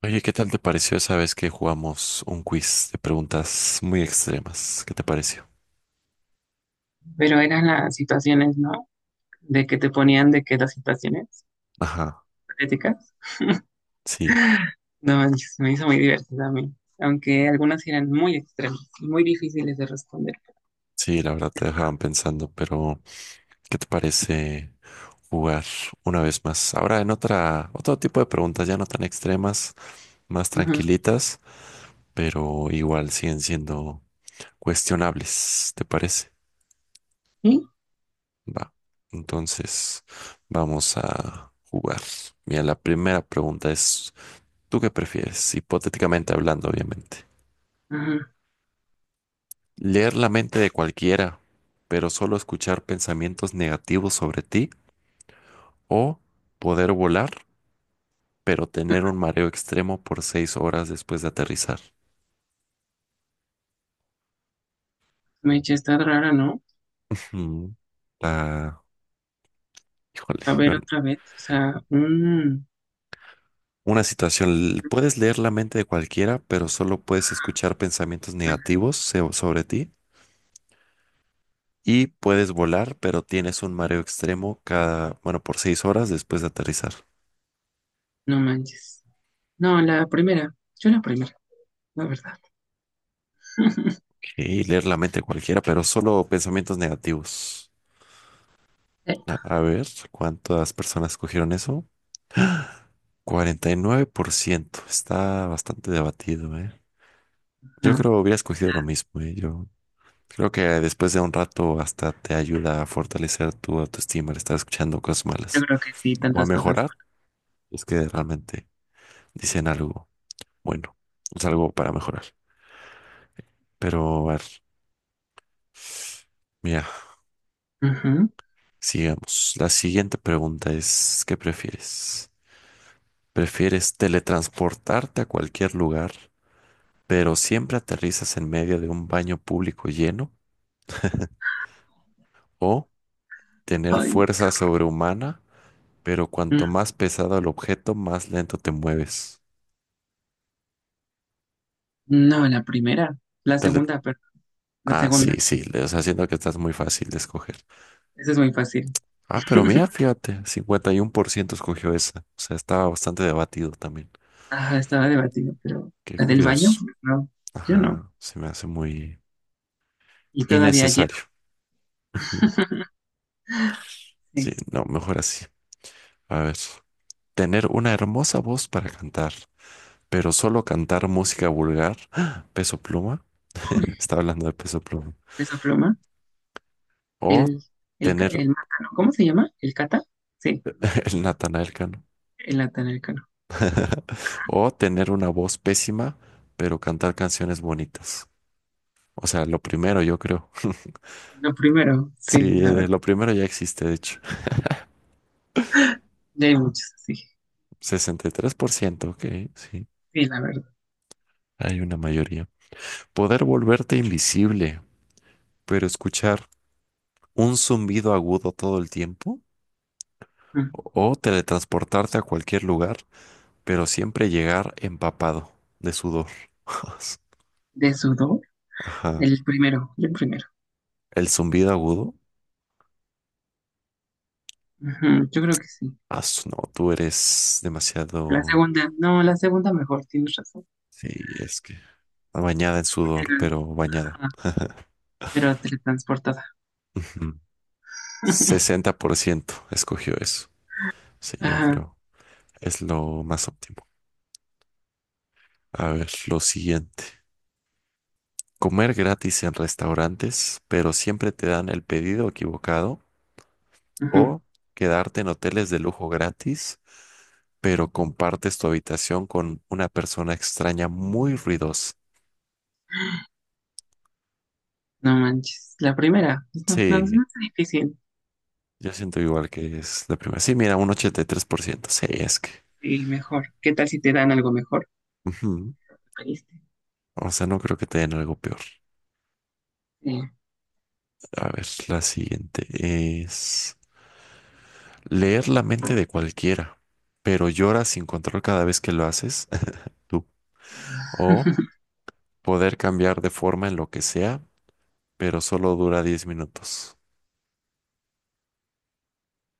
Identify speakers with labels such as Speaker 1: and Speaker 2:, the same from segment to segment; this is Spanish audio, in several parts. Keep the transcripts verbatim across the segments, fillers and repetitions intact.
Speaker 1: Oye, ¿qué tal te pareció esa vez que jugamos un quiz de preguntas muy extremas? ¿Qué te pareció?
Speaker 2: Pero eran las situaciones, ¿no? De que te ponían de que las situaciones
Speaker 1: Ajá,
Speaker 2: críticas.
Speaker 1: sí,
Speaker 2: No, manches, me hizo muy divertida a mí. Aunque algunas eran muy extremas y muy difíciles de responder.
Speaker 1: sí, la verdad te dejaban pensando, pero ¿qué te parece jugar una vez más? Ahora en otra, otro tipo de preguntas ya no tan extremas, más
Speaker 2: Ujú.
Speaker 1: tranquilitas, pero igual siguen siendo cuestionables, ¿te parece?
Speaker 2: ¿Sí?
Speaker 1: Va, entonces vamos a jugar. Mira, la primera pregunta es, ¿tú qué prefieres? Hipotéticamente hablando, obviamente.
Speaker 2: Ujú.
Speaker 1: Leer la mente de cualquiera, pero solo escuchar pensamientos negativos sobre ti, o poder volar, pero tener un mareo extremo por seis horas después de aterrizar.
Speaker 2: Me eché, está rara, ¿no?
Speaker 1: Mm, ah, híjole.
Speaker 2: A ver
Speaker 1: yo-
Speaker 2: otra vez. O sea, mm,
Speaker 1: una situación, l- puedes leer la mente de cualquiera, pero solo puedes escuchar pensamientos negativos se- sobre ti, y puedes volar, pero tienes un mareo extremo cada, bueno, por seis horas después de aterrizar.
Speaker 2: no manches. No, la primera. Yo la primera, la verdad.
Speaker 1: Y leer la mente de cualquiera, pero solo pensamientos negativos.
Speaker 2: Sí,
Speaker 1: A, a ver, ¿cuántas personas cogieron eso? cuarenta y nueve por ciento. Está bastante debatido, ¿eh? Yo
Speaker 2: ajá.
Speaker 1: creo hubiera escogido lo mismo, ¿eh? Yo creo que después de un rato hasta te ayuda a fortalecer tu autoestima al estar escuchando cosas
Speaker 2: Yo
Speaker 1: malas.
Speaker 2: creo que sí,
Speaker 1: O a
Speaker 2: tantas cosas.
Speaker 1: mejorar, es que realmente dicen algo bueno, es algo para mejorar. Pero, a ver, mira,
Speaker 2: Ujú.
Speaker 1: sigamos. La siguiente pregunta es, ¿qué prefieres? ¿Prefieres teletransportarte a cualquier lugar? Pero siempre aterrizas en medio de un baño público lleno o tener
Speaker 2: Ay,
Speaker 1: fuerza sobrehumana, pero cuanto
Speaker 2: mm,
Speaker 1: más pesado el objeto, más lento te mueves.
Speaker 2: no, la primera. La
Speaker 1: Tele-
Speaker 2: segunda, perdón. La
Speaker 1: ah, sí,
Speaker 2: segunda.
Speaker 1: sí, le- o sea, siento que estás muy fácil de escoger.
Speaker 2: Esa es muy fácil.
Speaker 1: Ah, pero mira, fíjate, cincuenta y uno por ciento escogió esa. O sea, estaba bastante debatido también.
Speaker 2: Ajá, estaba debatido, pero
Speaker 1: Qué
Speaker 2: la del baño,
Speaker 1: curioso.
Speaker 2: pues no, yo no.
Speaker 1: Ajá, se me hace muy
Speaker 2: Y todavía lleno.
Speaker 1: innecesario. Sí,
Speaker 2: Sí.
Speaker 1: no, mejor así. A ver. Tener una hermosa voz para cantar pero solo cantar música vulgar, Peso Pluma,
Speaker 2: Uy,
Speaker 1: está hablando de Peso Pluma,
Speaker 2: peso pluma.
Speaker 1: o
Speaker 2: El, el, ca-
Speaker 1: tener
Speaker 2: el Mátano, ¿cómo se llama? ¿El Cata? Sí,
Speaker 1: el Natanael Cano,
Speaker 2: el Cano.
Speaker 1: o tener una voz pésima, pero cantar canciones bonitas. O sea, lo primero yo creo.
Speaker 2: Lo primero, sí,
Speaker 1: Sí,
Speaker 2: la
Speaker 1: eh,
Speaker 2: verdad.
Speaker 1: lo primero ya existe, de hecho.
Speaker 2: Ya hay muchos, sí,
Speaker 1: Sesenta y tres por ciento, ok, sí,
Speaker 2: sí, la verdad.
Speaker 1: hay una mayoría. Poder volverte invisible, pero escuchar un zumbido agudo todo el tiempo,
Speaker 2: Mm.
Speaker 1: o teletransportarte a cualquier lugar, pero siempre llegar empapado de sudor.
Speaker 2: De sudor,
Speaker 1: Ajá.
Speaker 2: el primero, el primero.
Speaker 1: El zumbido agudo.
Speaker 2: Ujú, yo creo que sí.
Speaker 1: Ah, su- no, tú eres
Speaker 2: La
Speaker 1: demasiado.
Speaker 2: segunda, no, la segunda mejor, tienes razón.
Speaker 1: Sí, es que. Bañada en
Speaker 2: Porque
Speaker 1: sudor,
Speaker 2: era-
Speaker 1: pero bañada.
Speaker 2: ajá, pero teletransportada.
Speaker 1: Ujú. Sesenta por ciento escogió eso. Sí, yo
Speaker 2: Ajá,
Speaker 1: creo. Es lo más óptimo. A ver, lo siguiente. Comer gratis en restaurantes, pero siempre te dan el pedido equivocado.
Speaker 2: ujú,
Speaker 1: O quedarte en hoteles de lujo gratis, pero compartes tu habitación con una persona extraña muy ruidosa.
Speaker 2: no manches. La primera, pues, no, no, no
Speaker 1: Sí,
Speaker 2: es difícil.
Speaker 1: yo siento igual que es la primera. Sí, mira, un ochenta y tres por ciento. Sí, es que.
Speaker 2: Sí, mejor. ¿Qué tal si te dan algo mejor?
Speaker 1: Ujú.
Speaker 2: ¿Pediste?
Speaker 1: O sea, no creo que te den algo peor.
Speaker 2: Sí.
Speaker 1: A ver, la siguiente es leer la mente de cualquiera, pero lloras sin control cada vez que lo haces. Tú. O poder cambiar de forma en lo que sea, pero solo dura diez minutos.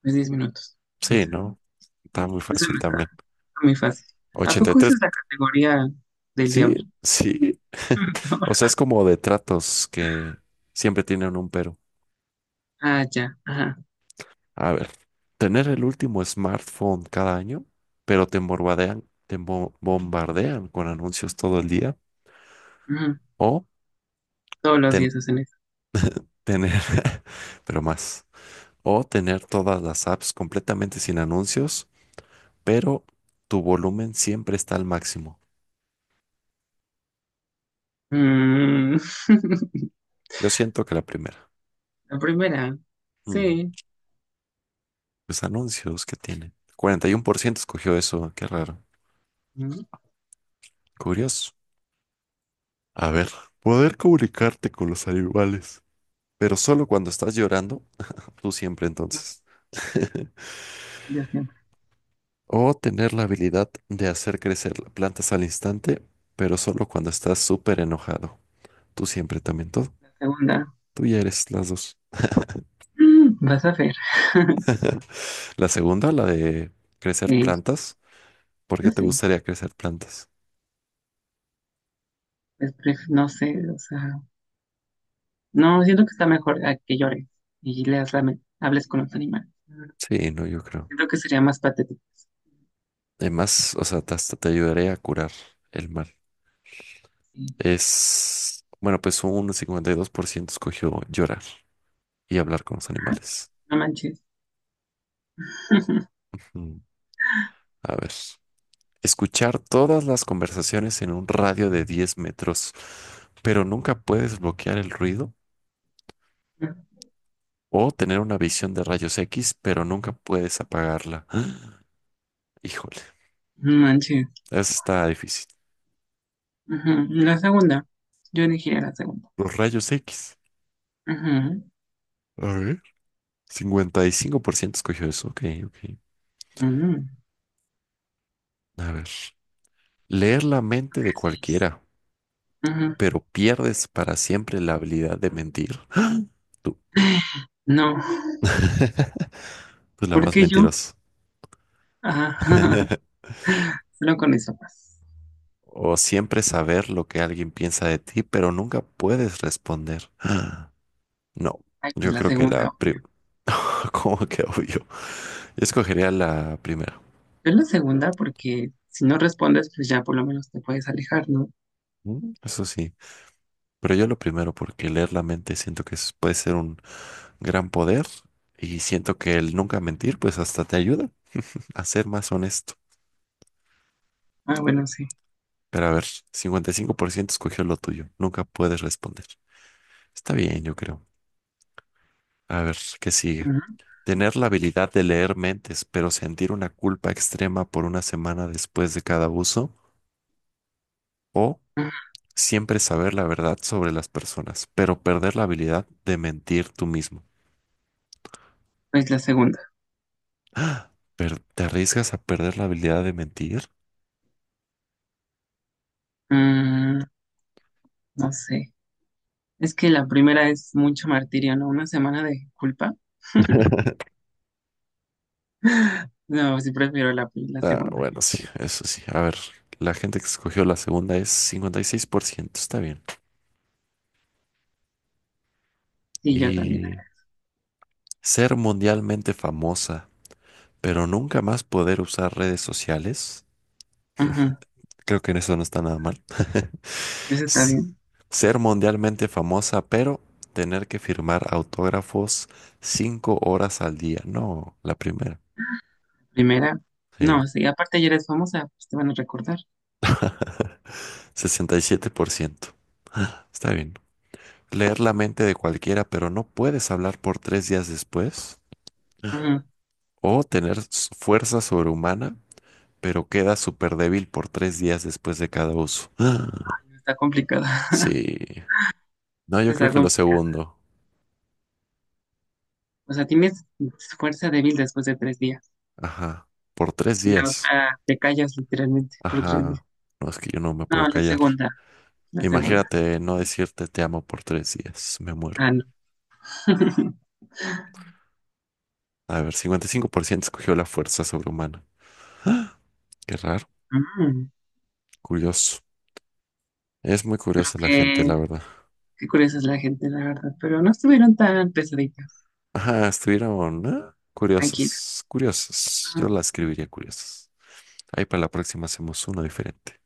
Speaker 2: Pues diez minutos.
Speaker 1: Sí,
Speaker 2: Eso.
Speaker 1: ¿no? Está muy
Speaker 2: Eso
Speaker 1: fácil
Speaker 2: no está
Speaker 1: también.
Speaker 2: muy fácil. ¿A
Speaker 1: Ochenta y
Speaker 2: poco esa
Speaker 1: tres.
Speaker 2: es la categoría del
Speaker 1: Sí,
Speaker 2: diablo?
Speaker 1: sí. O sea, es como de tratos que siempre tienen un pero.
Speaker 2: Ah, ya. Ajá.
Speaker 1: A ver, tener el último smartphone cada año, pero te bombardean, te bo- bombardean con anuncios todo el día.
Speaker 2: Ujú.
Speaker 1: O
Speaker 2: Todos los
Speaker 1: ten-
Speaker 2: días hacen eso.
Speaker 1: tener, pero más. O tener todas las apps completamente sin anuncios, pero tu volumen siempre está al máximo.
Speaker 2: Mm.
Speaker 1: Yo siento que la primera.
Speaker 2: La primera.
Speaker 1: Mm,
Speaker 2: Sí.
Speaker 1: Los anuncios que tienen. cuarenta y uno por ciento escogió eso, qué raro.
Speaker 2: Mm.
Speaker 1: Curioso. A ver, poder comunicarte con los animales, pero solo cuando estás llorando, tú siempre entonces.
Speaker 2: Ya sé.
Speaker 1: O tener la habilidad de hacer crecer plantas al instante, pero solo cuando estás súper enojado, tú siempre también todo.
Speaker 2: La segunda.
Speaker 1: Tú ya eres las dos.
Speaker 2: Mm, vas a ver.
Speaker 1: La segunda, la de crecer
Speaker 2: Sí,
Speaker 1: plantas. ¿Por qué
Speaker 2: yo
Speaker 1: te
Speaker 2: sí.
Speaker 1: gustaría crecer plantas?
Speaker 2: Pues, pref- no sé, o sea. No, siento que está mejor a que llores y leas la men- hables con los animales.
Speaker 1: Sí, no, yo creo.
Speaker 2: Siento que sería más patético.
Speaker 1: Además, o sea, te- hasta te ayudaré a curar el mal.
Speaker 2: Sí,
Speaker 1: Es, bueno, pues un cincuenta y dos por ciento escogió llorar y hablar con los animales.
Speaker 2: no manches.
Speaker 1: Mm, A ver. Escuchar todas las conversaciones en un radio de diez metros, pero nunca puedes bloquear el ruido. O tener una visión de rayos X, pero nunca puedes apagarla. Híjole,
Speaker 2: No manches.
Speaker 1: eso está difícil.
Speaker 2: Ujú. La segunda. Yo elegiría la segunda.
Speaker 1: Los rayos X.
Speaker 2: Ujú.
Speaker 1: A ver. Cincuenta y cinco por ciento escogió eso. Ok, ok.
Speaker 2: Ujú.
Speaker 1: A ver. Leer la mente de
Speaker 2: Que sí.
Speaker 1: cualquiera,
Speaker 2: Ujú.
Speaker 1: pero pierdes para siempre la habilidad de mentir. Tú.
Speaker 2: No.
Speaker 1: Tú la
Speaker 2: ¿Por
Speaker 1: más
Speaker 2: qué yo?
Speaker 1: mentirosa.
Speaker 2: Ah, solo con eso más.
Speaker 1: O siempre saber lo que alguien piensa de ti, pero nunca puedes responder. No,
Speaker 2: Ay, pues
Speaker 1: yo
Speaker 2: la
Speaker 1: creo que la
Speaker 2: segunda,
Speaker 1: pri-
Speaker 2: obvio.
Speaker 1: ¿Cómo que obvio? Yo escogería la primera.
Speaker 2: Yo la segunda porque si no respondes, pues ya por lo menos te puedes alejar, ¿no?
Speaker 1: Mm, Eso sí, pero yo lo primero porque leer la mente siento que es- puede ser un gran poder y siento que el nunca mentir pues hasta te ayuda a ser más honesto.
Speaker 2: Ah, bueno, sí.
Speaker 1: Pero a ver, cincuenta y cinco por ciento escogió lo tuyo, nunca puedes responder. Está bien, yo creo. A ver, ¿qué sigue?
Speaker 2: Ujú.
Speaker 1: Tener la habilidad de leer mentes, pero sentir una culpa extrema por una semana después de cada uso. O
Speaker 2: Ujú.
Speaker 1: siempre saber la verdad sobre las personas, pero perder la habilidad de mentir tú mismo.
Speaker 2: Pues la segunda.
Speaker 1: ¡Ah! Per- ¿Te arriesgas a perder la habilidad de mentir?
Speaker 2: Mm, no sé. Es que la primera es mucho martirio, ¿no? Una semana de culpa. No, sí prefiero la, pri- la
Speaker 1: Ah,
Speaker 2: segunda.
Speaker 1: bueno, sí, eso sí. A ver, la gente que escogió la segunda es cincuenta y seis por ciento, está bien.
Speaker 2: Sí, yo también.
Speaker 1: Y ser mundialmente famosa, pero nunca más poder usar redes sociales.
Speaker 2: Ajá,
Speaker 1: Creo que en eso no está nada mal.
Speaker 2: eso está
Speaker 1: S-
Speaker 2: bien.
Speaker 1: Ser mundialmente famosa, pero tener que firmar autógrafos cinco horas al día. No, la primera.
Speaker 2: La primera,
Speaker 1: Sí,
Speaker 2: no, sí, aparte ya eres famosa, pues te van a recordar.
Speaker 1: sesenta y siete por ciento. Está bien. Leer la mente de cualquiera, pero no puedes hablar por tres días después.
Speaker 2: Ajá,
Speaker 1: O tener s- fuerza sobrehumana, pero queda súper débil por tres días después de cada uso.
Speaker 2: está complicado,
Speaker 1: Sí. No, yo creo
Speaker 2: está
Speaker 1: que lo
Speaker 2: complicado.
Speaker 1: segundo.
Speaker 2: O sea, tienes fuerza débil después de tres días
Speaker 1: Ajá. Por tres
Speaker 2: y la
Speaker 1: días.
Speaker 2: otra te callas literalmente por tres días.
Speaker 1: Ajá, no es que yo no me puedo
Speaker 2: No, la
Speaker 1: callar.
Speaker 2: segunda, la segunda.
Speaker 1: Imagínate no decirte te amo por tres días, me muero.
Speaker 2: Ah, no.
Speaker 1: A ver, cincuenta y cinco por ciento escogió la fuerza sobrehumana. ¡Ah! Qué raro,
Speaker 2: Mm,
Speaker 1: curioso. Es muy curiosa la gente, la
Speaker 2: qué,
Speaker 1: verdad.
Speaker 2: qué curiosa es la gente, la verdad, pero no estuvieron tan pesaditas.
Speaker 1: Ajá, estuvieron, ¿eh?
Speaker 2: Tranquila.
Speaker 1: Curiosas, curiosas. Yo la escribiría curiosas. Ahí para la próxima hacemos uno diferente.